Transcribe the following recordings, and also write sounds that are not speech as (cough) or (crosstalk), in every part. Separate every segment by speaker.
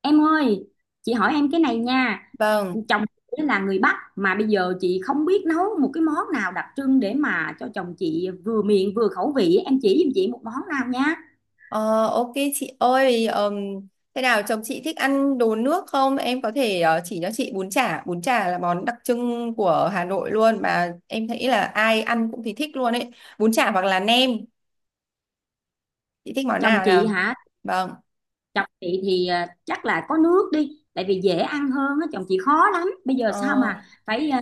Speaker 1: Em ơi, chị hỏi em cái này nha.
Speaker 2: Vâng,
Speaker 1: Chồng chị là người Bắc mà bây giờ chị không biết nấu một cái món nào đặc trưng để mà cho chồng chị vừa miệng vừa khẩu vị. Em chỉ giùm chị một món nào nha.
Speaker 2: Ờ, ok chị ơi, thế nào chồng chị thích ăn đồ nước không? Em có thể chỉ cho chị bún chả là món đặc trưng của Hà Nội luôn mà em thấy là ai ăn cũng thì thích luôn ấy. Bún chả hoặc là nem, chị thích món
Speaker 1: Chồng
Speaker 2: nào
Speaker 1: chị
Speaker 2: nào?
Speaker 1: hả?
Speaker 2: Vâng,
Speaker 1: Chồng chị thì chắc là có nước đi, tại vì dễ ăn hơn á, chồng chị khó lắm. Bây giờ sao mà
Speaker 2: ờ,
Speaker 1: phải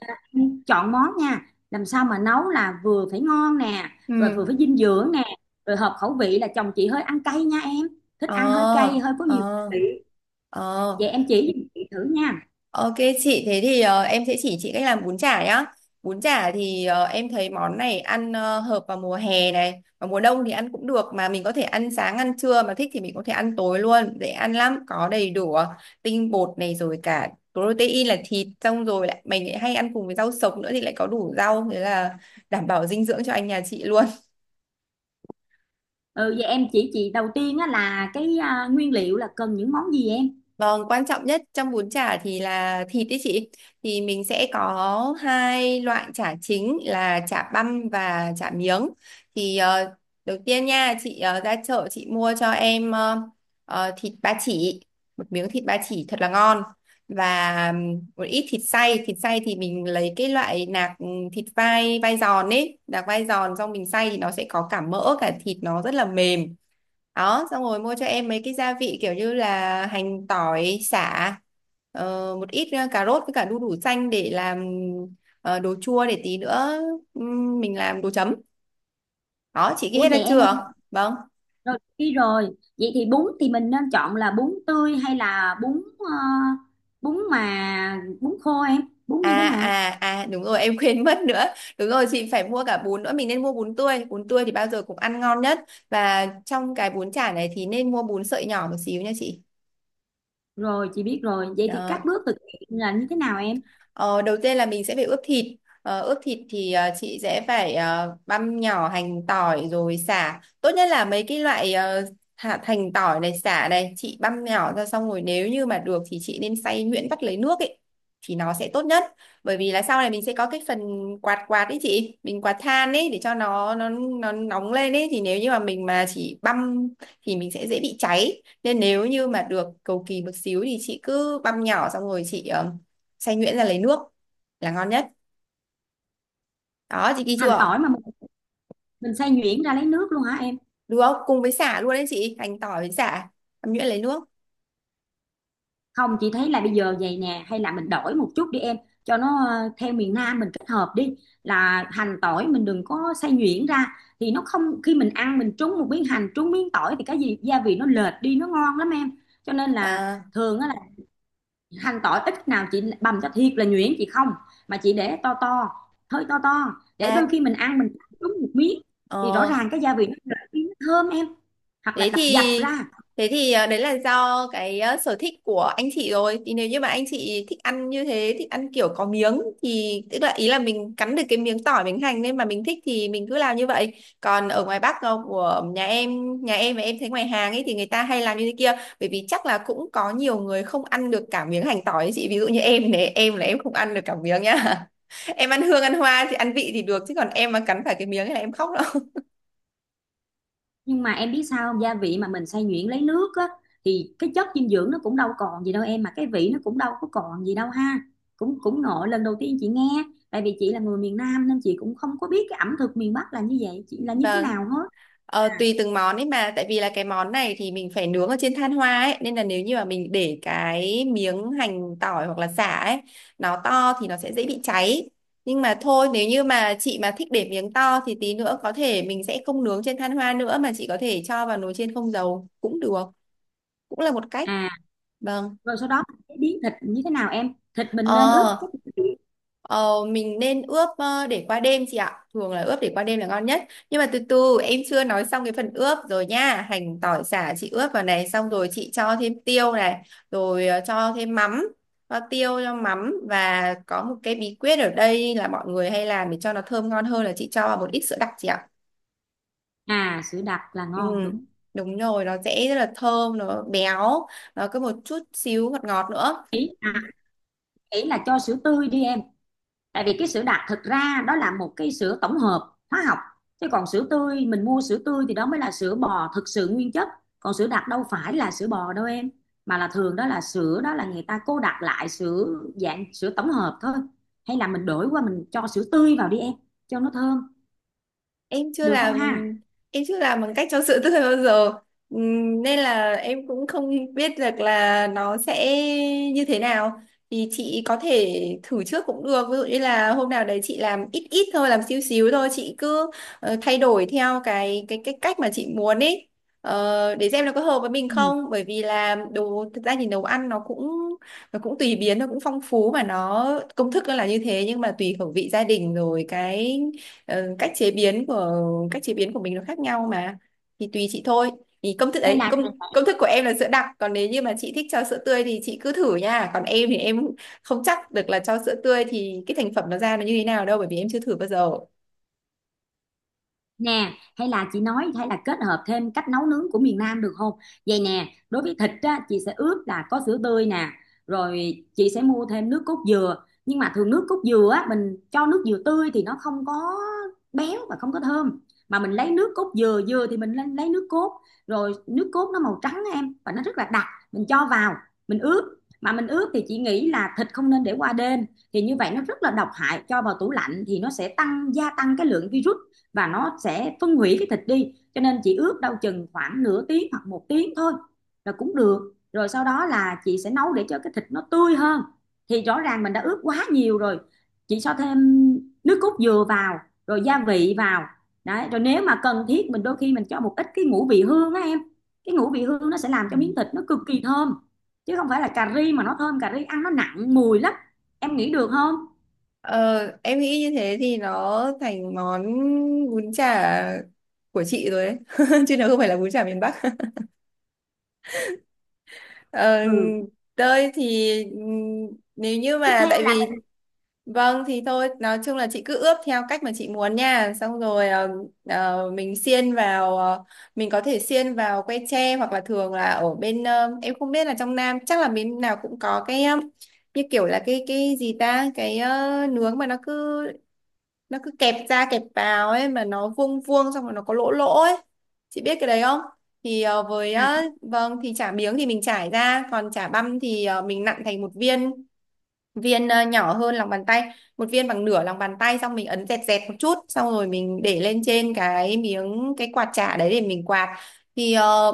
Speaker 1: chọn món nha. Làm sao mà nấu là vừa phải ngon nè, rồi
Speaker 2: ừ,
Speaker 1: vừa phải dinh dưỡng nè, rồi hợp khẩu vị là chồng chị hơi ăn cay nha em. Thích
Speaker 2: ờ,
Speaker 1: ăn hơi cay, hơi có nhiều
Speaker 2: ờ,
Speaker 1: vị.
Speaker 2: ờ.
Speaker 1: Vậy em chỉ giùm chị thử nha.
Speaker 2: Ok chị, thế thì em sẽ chỉ chị cách làm bún chả nhá. Bún chả thì em thấy món này ăn hợp vào mùa hè này, và mùa đông thì ăn cũng được mà mình có thể ăn sáng ăn trưa mà thích thì mình có thể ăn tối luôn, dễ ăn lắm, có đầy đủ tinh bột này rồi cả protein là thịt xong rồi lại mình lại hay ăn cùng với rau sống nữa thì lại có đủ rau thế là đảm bảo dinh dưỡng cho anh nhà chị luôn.
Speaker 1: Ừ, vậy em chỉ chị đầu tiên á là nguyên liệu là cần những món gì em?
Speaker 2: Vâng, quan trọng nhất trong bún chả thì là thịt đấy chị. Thì mình sẽ có hai loại chả chính là chả băm và chả miếng. Thì đầu tiên nha, chị ra chợ chị mua cho em thịt ba chỉ, một miếng thịt ba chỉ thật là ngon và một ít thịt xay. Thịt xay thì mình lấy cái loại nạc thịt vai vai giòn ấy, nạc vai giòn xong mình xay thì nó sẽ có cả mỡ cả thịt nó rất là mềm đó, xong rồi mua cho em mấy cái gia vị kiểu như là hành tỏi sả, ờ, một ít cà rốt với cả đu đủ xanh để làm đồ chua, để tí nữa mình làm đồ chấm đó. Chị ghi
Speaker 1: Ủa
Speaker 2: hết ra
Speaker 1: vậy em ơi,
Speaker 2: chưa? Vâng,
Speaker 1: rồi đi rồi. Vậy thì bún thì mình nên chọn là bún tươi hay là bún mà bún khô em? Bún như thế nào?
Speaker 2: đúng rồi em (laughs) quên mất nữa, đúng rồi chị phải mua cả bún nữa, mình nên mua bún tươi, bún tươi thì bao giờ cũng ăn ngon nhất, và trong cái bún chả này thì nên mua bún sợi nhỏ một xíu nha chị.
Speaker 1: Rồi chị biết rồi. Vậy thì các
Speaker 2: Đó,
Speaker 1: bước thực hiện là như thế nào em?
Speaker 2: Ờ, đầu tiên là mình sẽ phải ướp thịt. Ờ, ướp thịt thì chị sẽ phải băm nhỏ hành tỏi rồi sả. Tốt nhất là mấy cái loại hạt hành tỏi này sả này chị băm nhỏ ra xong rồi nếu như mà được thì chị nên xay nhuyễn vắt lấy nước ấy thì nó sẽ tốt nhất. Bởi vì là sau này mình sẽ có cái phần quạt quạt ấy chị, mình quạt than ấy để cho nó nóng lên ấy, thì nếu như mà mình mà chỉ băm thì mình sẽ dễ bị cháy. Nên nếu như mà được cầu kỳ một xíu thì chị cứ băm nhỏ xong rồi chị xay nhuyễn ra lấy nước là ngon nhất đó. Chị ghi
Speaker 1: Hành tỏi
Speaker 2: chưa?
Speaker 1: mà mình xay nhuyễn ra lấy nước luôn hả em?
Speaker 2: Đúng không, cùng với sả luôn đấy chị, hành tỏi với sả xay nhuyễn lấy nước.
Speaker 1: Không, chị thấy là bây giờ vậy nè, hay là mình đổi một chút đi em, cho nó theo miền Nam mình kết hợp đi, là hành tỏi mình đừng có xay nhuyễn ra, thì nó không, khi mình ăn mình trúng một miếng hành trúng miếng tỏi thì cái gì gia vị nó lệch đi nó ngon lắm em. Cho nên là
Speaker 2: à,
Speaker 1: thường á, là hành tỏi ít nào chị bằm cho thiệt là nhuyễn chị không, mà chị để to to, hơi to to, để đôi
Speaker 2: à
Speaker 1: khi mình ăn mình cắn trúng một miếng thì rõ
Speaker 2: ờ,
Speaker 1: ràng cái gia vị nó lệch đi nó thơm em, hoặc là
Speaker 2: Thế
Speaker 1: đập dập
Speaker 2: thì
Speaker 1: ra.
Speaker 2: à, đấy là do cái sở thích của anh chị rồi. Thì nếu như mà anh chị thích ăn như thế, thích ăn kiểu có miếng thì tức là ý là mình cắn được cái miếng tỏi miếng hành, nên mà mình thích thì mình cứ làm như vậy. Còn ở ngoài Bắc của nhà em và em thấy ngoài hàng ấy thì người ta hay làm như thế kia, bởi vì chắc là cũng có nhiều người không ăn được cả miếng hành tỏi ấy chị. Ví dụ như em này, em là em không ăn được cả miếng nhá. (laughs) Em ăn hương ăn hoa thì ăn vị thì được, chứ còn em mà cắn phải cái miếng ấy là em khóc đó.
Speaker 1: Nhưng mà em biết sao không? Gia vị mà mình xay nhuyễn lấy nước á thì cái chất dinh dưỡng nó cũng đâu còn gì đâu em, mà cái vị nó cũng đâu có còn gì đâu ha. Cũng cũng ngộ, lần đầu tiên chị nghe, tại vì chị là người miền Nam nên chị cũng không có biết cái ẩm thực miền Bắc là như vậy, chị là như thế
Speaker 2: Vâng.
Speaker 1: nào hết.
Speaker 2: Ờ, tùy từng món ấy mà, tại vì là cái món này thì mình phải nướng ở trên than hoa ấy, nên là nếu như mà mình để cái miếng hành tỏi hoặc là sả ấy nó to thì nó sẽ dễ bị cháy, nhưng mà thôi nếu như mà chị mà thích để miếng to thì tí nữa có thể mình sẽ không nướng trên than hoa nữa mà chị có thể cho vào nồi chiên không dầu cũng được, cũng là một cách.
Speaker 1: À,
Speaker 2: Vâng,
Speaker 1: rồi sau đó cái biến thịt như thế nào em, thịt mình nên ướp
Speaker 2: Ờ,
Speaker 1: cái
Speaker 2: ờ, mình nên ướp để qua đêm chị ạ. Thường là ướp để qua đêm là ngon nhất. Nhưng mà từ từ, em chưa nói xong cái phần ướp rồi nha. Hành tỏi sả chị ướp vào này, xong rồi chị cho thêm tiêu này, rồi cho thêm mắm, cho tiêu cho mắm, và có một cái bí quyết ở đây là mọi người hay làm để cho nó thơm ngon hơn là chị cho vào một ít sữa đặc chị ạ.
Speaker 1: à, sữa đặc là
Speaker 2: Ừ.
Speaker 1: ngon đúng.
Speaker 2: Đúng rồi, nó sẽ rất là thơm, nó béo, nó có một chút xíu ngọt ngọt nữa.
Speaker 1: ý à, Ý là cho sữa tươi đi em, tại vì cái sữa đặc thực ra đó là một cái sữa tổng hợp hóa học, chứ còn sữa tươi mình mua sữa tươi thì đó mới là sữa bò thực sự nguyên chất. Còn sữa đặc đâu phải là sữa bò đâu em, mà là thường đó là sữa, đó là người ta cô đặc lại sữa, dạng sữa tổng hợp thôi. Hay là mình đổi qua mình cho sữa tươi vào đi em, cho nó thơm,
Speaker 2: em chưa
Speaker 1: được không
Speaker 2: làm
Speaker 1: ha?
Speaker 2: em chưa làm bằng cách cho sữa tươi bao giờ. Nên là em cũng không biết được là nó sẽ như thế nào. Thì chị có thể thử trước cũng được, ví dụ như là hôm nào đấy chị làm ít ít thôi, làm xíu xíu thôi, chị cứ thay đổi theo cái cách mà chị muốn ấy. Ờ, để xem nó có hợp với mình
Speaker 1: Ừ.
Speaker 2: không, bởi vì là đồ thực ra thì nấu ăn nó cũng tùy biến, nó cũng phong phú mà, nó công thức nó là như thế nhưng mà tùy khẩu vị gia đình rồi cái Ờ, cách chế biến của cách chế biến của mình nó khác nhau mà, thì tùy chị thôi. Thì công thức
Speaker 1: hay
Speaker 2: đấy,
Speaker 1: là
Speaker 2: công công thức của em là sữa đặc, còn nếu như mà chị thích cho sữa tươi thì chị cứ thử nha, còn em thì em không chắc được là cho sữa tươi thì cái thành phẩm nó ra nó như thế nào đâu, bởi vì em chưa thử bao giờ.
Speaker 1: Nè, hay là chị nói, hay là kết hợp thêm cách nấu nướng của miền Nam được không? Vậy nè, đối với thịt á, chị sẽ ướp là có sữa tươi nè, rồi chị sẽ mua thêm nước cốt dừa, nhưng mà thường nước cốt dừa á, mình cho nước dừa tươi thì nó không có béo và không có thơm, mà mình lấy nước cốt dừa, dừa thì mình lấy nước cốt, rồi nước cốt nó màu trắng á em và nó rất là đặc. Mình cho vào, mình ướp, mà mình ướp thì chị nghĩ là thịt không nên để qua đêm, thì như vậy nó rất là độc hại, cho vào tủ lạnh thì nó sẽ tăng, gia tăng cái lượng virus và nó sẽ phân hủy cái thịt đi, cho nên chị ướp đâu chừng khoảng nửa tiếng hoặc một tiếng thôi là cũng được. Rồi sau đó là chị sẽ nấu để cho cái thịt nó tươi hơn, thì rõ ràng mình đã ướp quá nhiều rồi, chị cho thêm nước cốt dừa vào, rồi gia vị vào. Đấy, rồi nếu mà cần thiết mình đôi khi mình cho một ít cái ngũ vị hương á em, cái ngũ vị hương nó sẽ làm cho miếng thịt nó cực kỳ thơm, chứ không phải là cà ri mà nó thơm, cà ri ăn nó nặng mùi lắm. Em nghĩ được không?
Speaker 2: Ờ, em nghĩ như thế thì nó thành món bún chả của chị rồi đấy, (laughs) chứ nó không phải là bún chả miền Bắc. (laughs) Ờ,
Speaker 1: Ừ,
Speaker 2: Tơi thì nếu như
Speaker 1: tiếp
Speaker 2: mà
Speaker 1: theo.
Speaker 2: tại vì. Vâng thì thôi, nói chung là chị cứ ướp theo cách mà chị muốn nha, xong rồi mình xiên vào, mình có thể xiên vào que tre, hoặc là thường là ở bên em không biết là trong Nam chắc là bên nào cũng có cái như kiểu là cái gì ta, cái nướng mà nó cứ kẹp ra kẹp vào ấy, mà nó vuông vuông xong rồi nó có lỗ lỗ ấy, chị biết cái đấy không? Thì với
Speaker 1: Là
Speaker 2: vâng, thì chả miếng thì mình trải ra, còn chả băm thì mình nặn thành một viên, nhỏ hơn lòng bàn tay, một viên bằng nửa lòng bàn tay, xong mình ấn dẹt dẹt một chút, xong rồi mình để lên trên cái miếng cái quạt chả đấy để mình quạt. Thì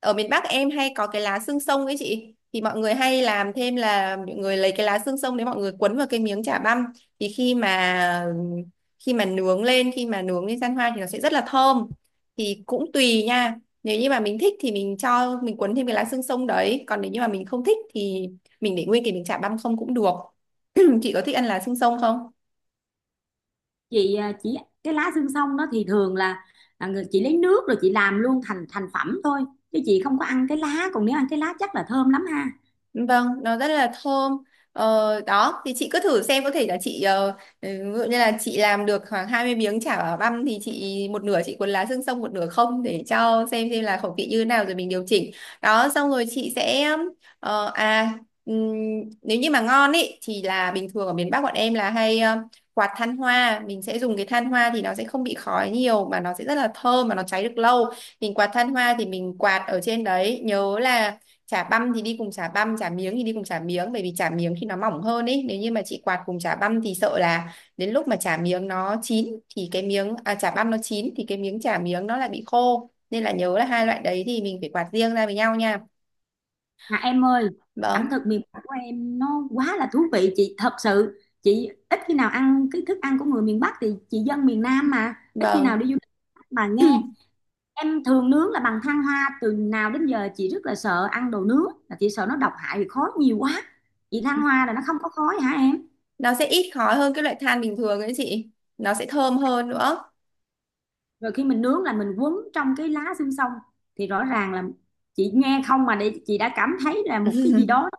Speaker 2: ở miền Bắc em hay có cái lá xương sông ấy chị, thì mọi người hay làm thêm là mọi người lấy cái lá xương sông đấy mọi người quấn vào cái miếng chả băm, thì khi mà khi mà nướng lên gian hoa thì nó sẽ rất là thơm. Thì cũng tùy nha, nếu như mà mình thích thì mình cho mình quấn thêm cái lá xương sông đấy, còn nếu như mà mình không thích thì mình để nguyên thì mình chả băm không cũng được. (clears throat) (laughs) Chị có thích ăn lá xương sông không?
Speaker 1: chị à, chỉ cái lá xương sông đó thì thường là à, người chị lấy nước rồi chị làm luôn thành thành phẩm thôi, chứ chị không có ăn cái lá. Còn nếu ăn cái lá chắc là thơm lắm ha.
Speaker 2: Vâng, nó rất là thơm. Ờ, đó, thì chị cứ thử xem, có thể là chị ví dụ như là chị làm được khoảng 20 miếng chả bảo băm thì chị một nửa chị cuốn lá xương sông, một nửa không, để cho xem là khẩu vị như thế nào rồi mình điều chỉnh. Đó, xong rồi chị sẽ ờ, à ừm, nếu như mà ngon ý thì là bình thường ở miền Bắc bọn em là hay quạt than hoa, mình sẽ dùng cái than hoa thì nó sẽ không bị khói nhiều mà nó sẽ rất là thơm mà nó cháy được lâu. Mình quạt than hoa thì mình quạt ở trên đấy, nhớ là chả băm thì đi cùng chả băm, chả miếng thì đi cùng chả miếng, bởi vì chả miếng thì nó mỏng hơn ấy, nếu như mà chị quạt cùng chả băm thì sợ là đến lúc mà chả miếng nó chín thì cái miếng chả băm nó chín thì cái miếng chả miếng nó lại bị khô, nên là nhớ là hai loại đấy thì mình phải quạt riêng ra với nhau nha.
Speaker 1: À, em ơi, ẩm
Speaker 2: Vâng.
Speaker 1: thực miền Bắc của em nó quá là thú vị. Chị thật sự chị ít khi nào ăn cái thức ăn của người miền Bắc, thì chị dân miền Nam mà ít khi nào
Speaker 2: Vâng.
Speaker 1: đi du lịch mà nghe.
Speaker 2: (clears throat)
Speaker 1: Em thường nướng là bằng than hoa, từ nào đến giờ chị rất là sợ ăn đồ nướng, là chị sợ nó độc hại vì khói nhiều quá. Chị, than hoa là nó không có khói hả em?
Speaker 2: Nó sẽ ít khói hơn cái loại than bình thường ấy chị, nó sẽ thơm hơn nữa.
Speaker 1: Rồi khi mình nướng là mình quấn trong cái lá xương sông, thì rõ ràng là chị nghe không mà để chị đã cảm thấy là một cái gì
Speaker 2: (laughs)
Speaker 1: đó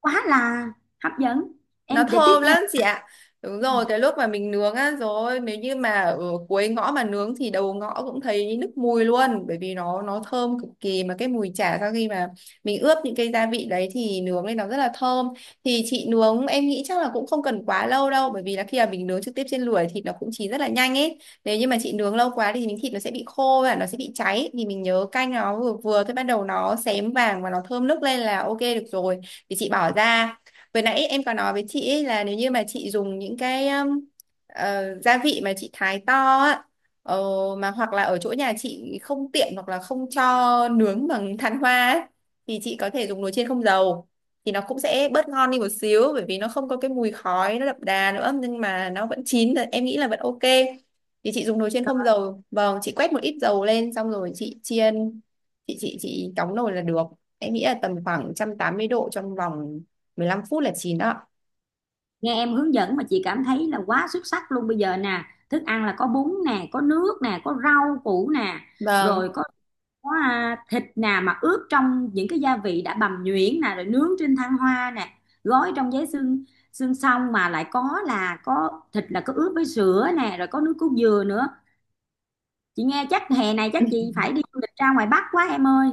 Speaker 1: quá là hấp dẫn.
Speaker 2: Nó
Speaker 1: Em để tiếp
Speaker 2: thơm
Speaker 1: theo.
Speaker 2: lắm chị ạ. Đúng
Speaker 1: Ừ.
Speaker 2: rồi, cái lúc mà mình nướng á, rồi nếu như mà ở cuối ngõ mà nướng thì đầu ngõ cũng thấy nước mùi luôn, bởi vì nó thơm cực kỳ, mà cái mùi chả sau khi mà mình ướp những cái gia vị đấy thì nướng lên nó rất là thơm. Thì chị nướng, em nghĩ chắc là cũng không cần quá lâu đâu, bởi vì là khi mà mình nướng trực tiếp trên lửa thì thịt nó cũng chín rất là nhanh ấy, nếu như mà chị nướng lâu quá thì miếng thịt nó sẽ bị khô và nó sẽ bị cháy, thì mình nhớ canh nó vừa vừa thôi, bắt đầu nó xém vàng và nó thơm nức lên là ok được rồi, thì chị bỏ ra. Vừa nãy em có nói với chị ấy là nếu như mà chị dùng những cái gia vị mà chị thái to á, ờ, mà hoặc là ở chỗ nhà chị không tiện, hoặc là không cho nướng bằng than hoa ấy, thì chị có thể dùng nồi chiên không dầu, thì nó cũng sẽ bớt ngon đi một xíu bởi vì nó không có cái mùi khói nó đậm đà nữa, nhưng mà nó vẫn chín thì em nghĩ là vẫn ok. Thì chị dùng nồi chiên không dầu, vâng, chị quét một ít dầu lên xong rồi chị chiên, chị đóng nồi là được. Em nghĩ là tầm khoảng 180 độ trong vòng 15 phút là chín đó.
Speaker 1: Nghe em hướng dẫn mà chị cảm thấy là quá xuất sắc luôn. Bây giờ nè, thức ăn là có bún nè, có nước nè, có rau củ nè,
Speaker 2: Vâng.
Speaker 1: rồi có à, thịt nè, mà ướp trong những cái gia vị đã bằm nhuyễn nè, rồi nướng trên than hoa nè, gói trong giấy xương xương, xong mà lại có, là có thịt, là có ướp với sữa nè, rồi có nước cốt dừa nữa. Chị nghe chắc hè này chắc chị
Speaker 2: (laughs)
Speaker 1: phải đi du lịch ra ngoài Bắc quá em ơi,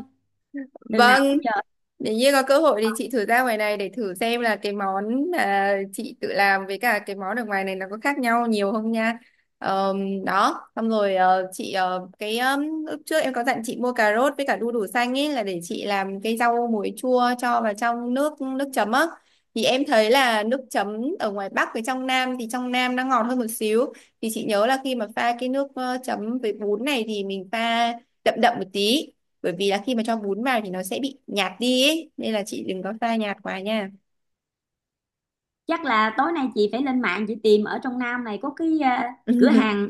Speaker 1: từ nào
Speaker 2: Vâng,
Speaker 1: đến giờ.
Speaker 2: nếu như có cơ hội thì chị thử ra ngoài này để thử xem là cái món mà chị tự làm với cả cái món ở ngoài này nó có khác nhau nhiều không nha. Đó, xong rồi chị cái lúc trước em có dặn chị mua cà rốt với cả đu đủ xanh ấy là để chị làm cái rau muối chua cho vào trong nước nước chấm á. Thì em thấy là nước chấm ở ngoài Bắc với trong Nam thì trong Nam nó ngọt hơn một xíu. Thì chị nhớ là khi mà pha cái nước chấm với bún này thì mình pha đậm đậm một tí, bởi vì là khi mà cho bún vào thì nó sẽ bị nhạt đi ấy. Nên là chị đừng có pha nhạt quá nha.
Speaker 1: Chắc là tối nay chị phải lên mạng chị tìm ở trong Nam này có cái à, cửa hàng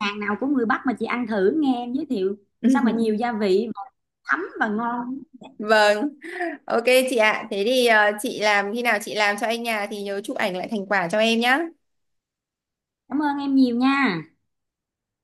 Speaker 1: hàng nào của người Bắc mà chị ăn thử, nghe em giới thiệu sao mà nhiều
Speaker 2: (laughs)
Speaker 1: gia vị mà thấm và ngon.
Speaker 2: Vâng, ok chị ạ, thế thì chị làm, khi nào chị làm cho anh nhà thì nhớ chụp ảnh lại thành quả cho em nhá.
Speaker 1: Cảm ơn em nhiều nha.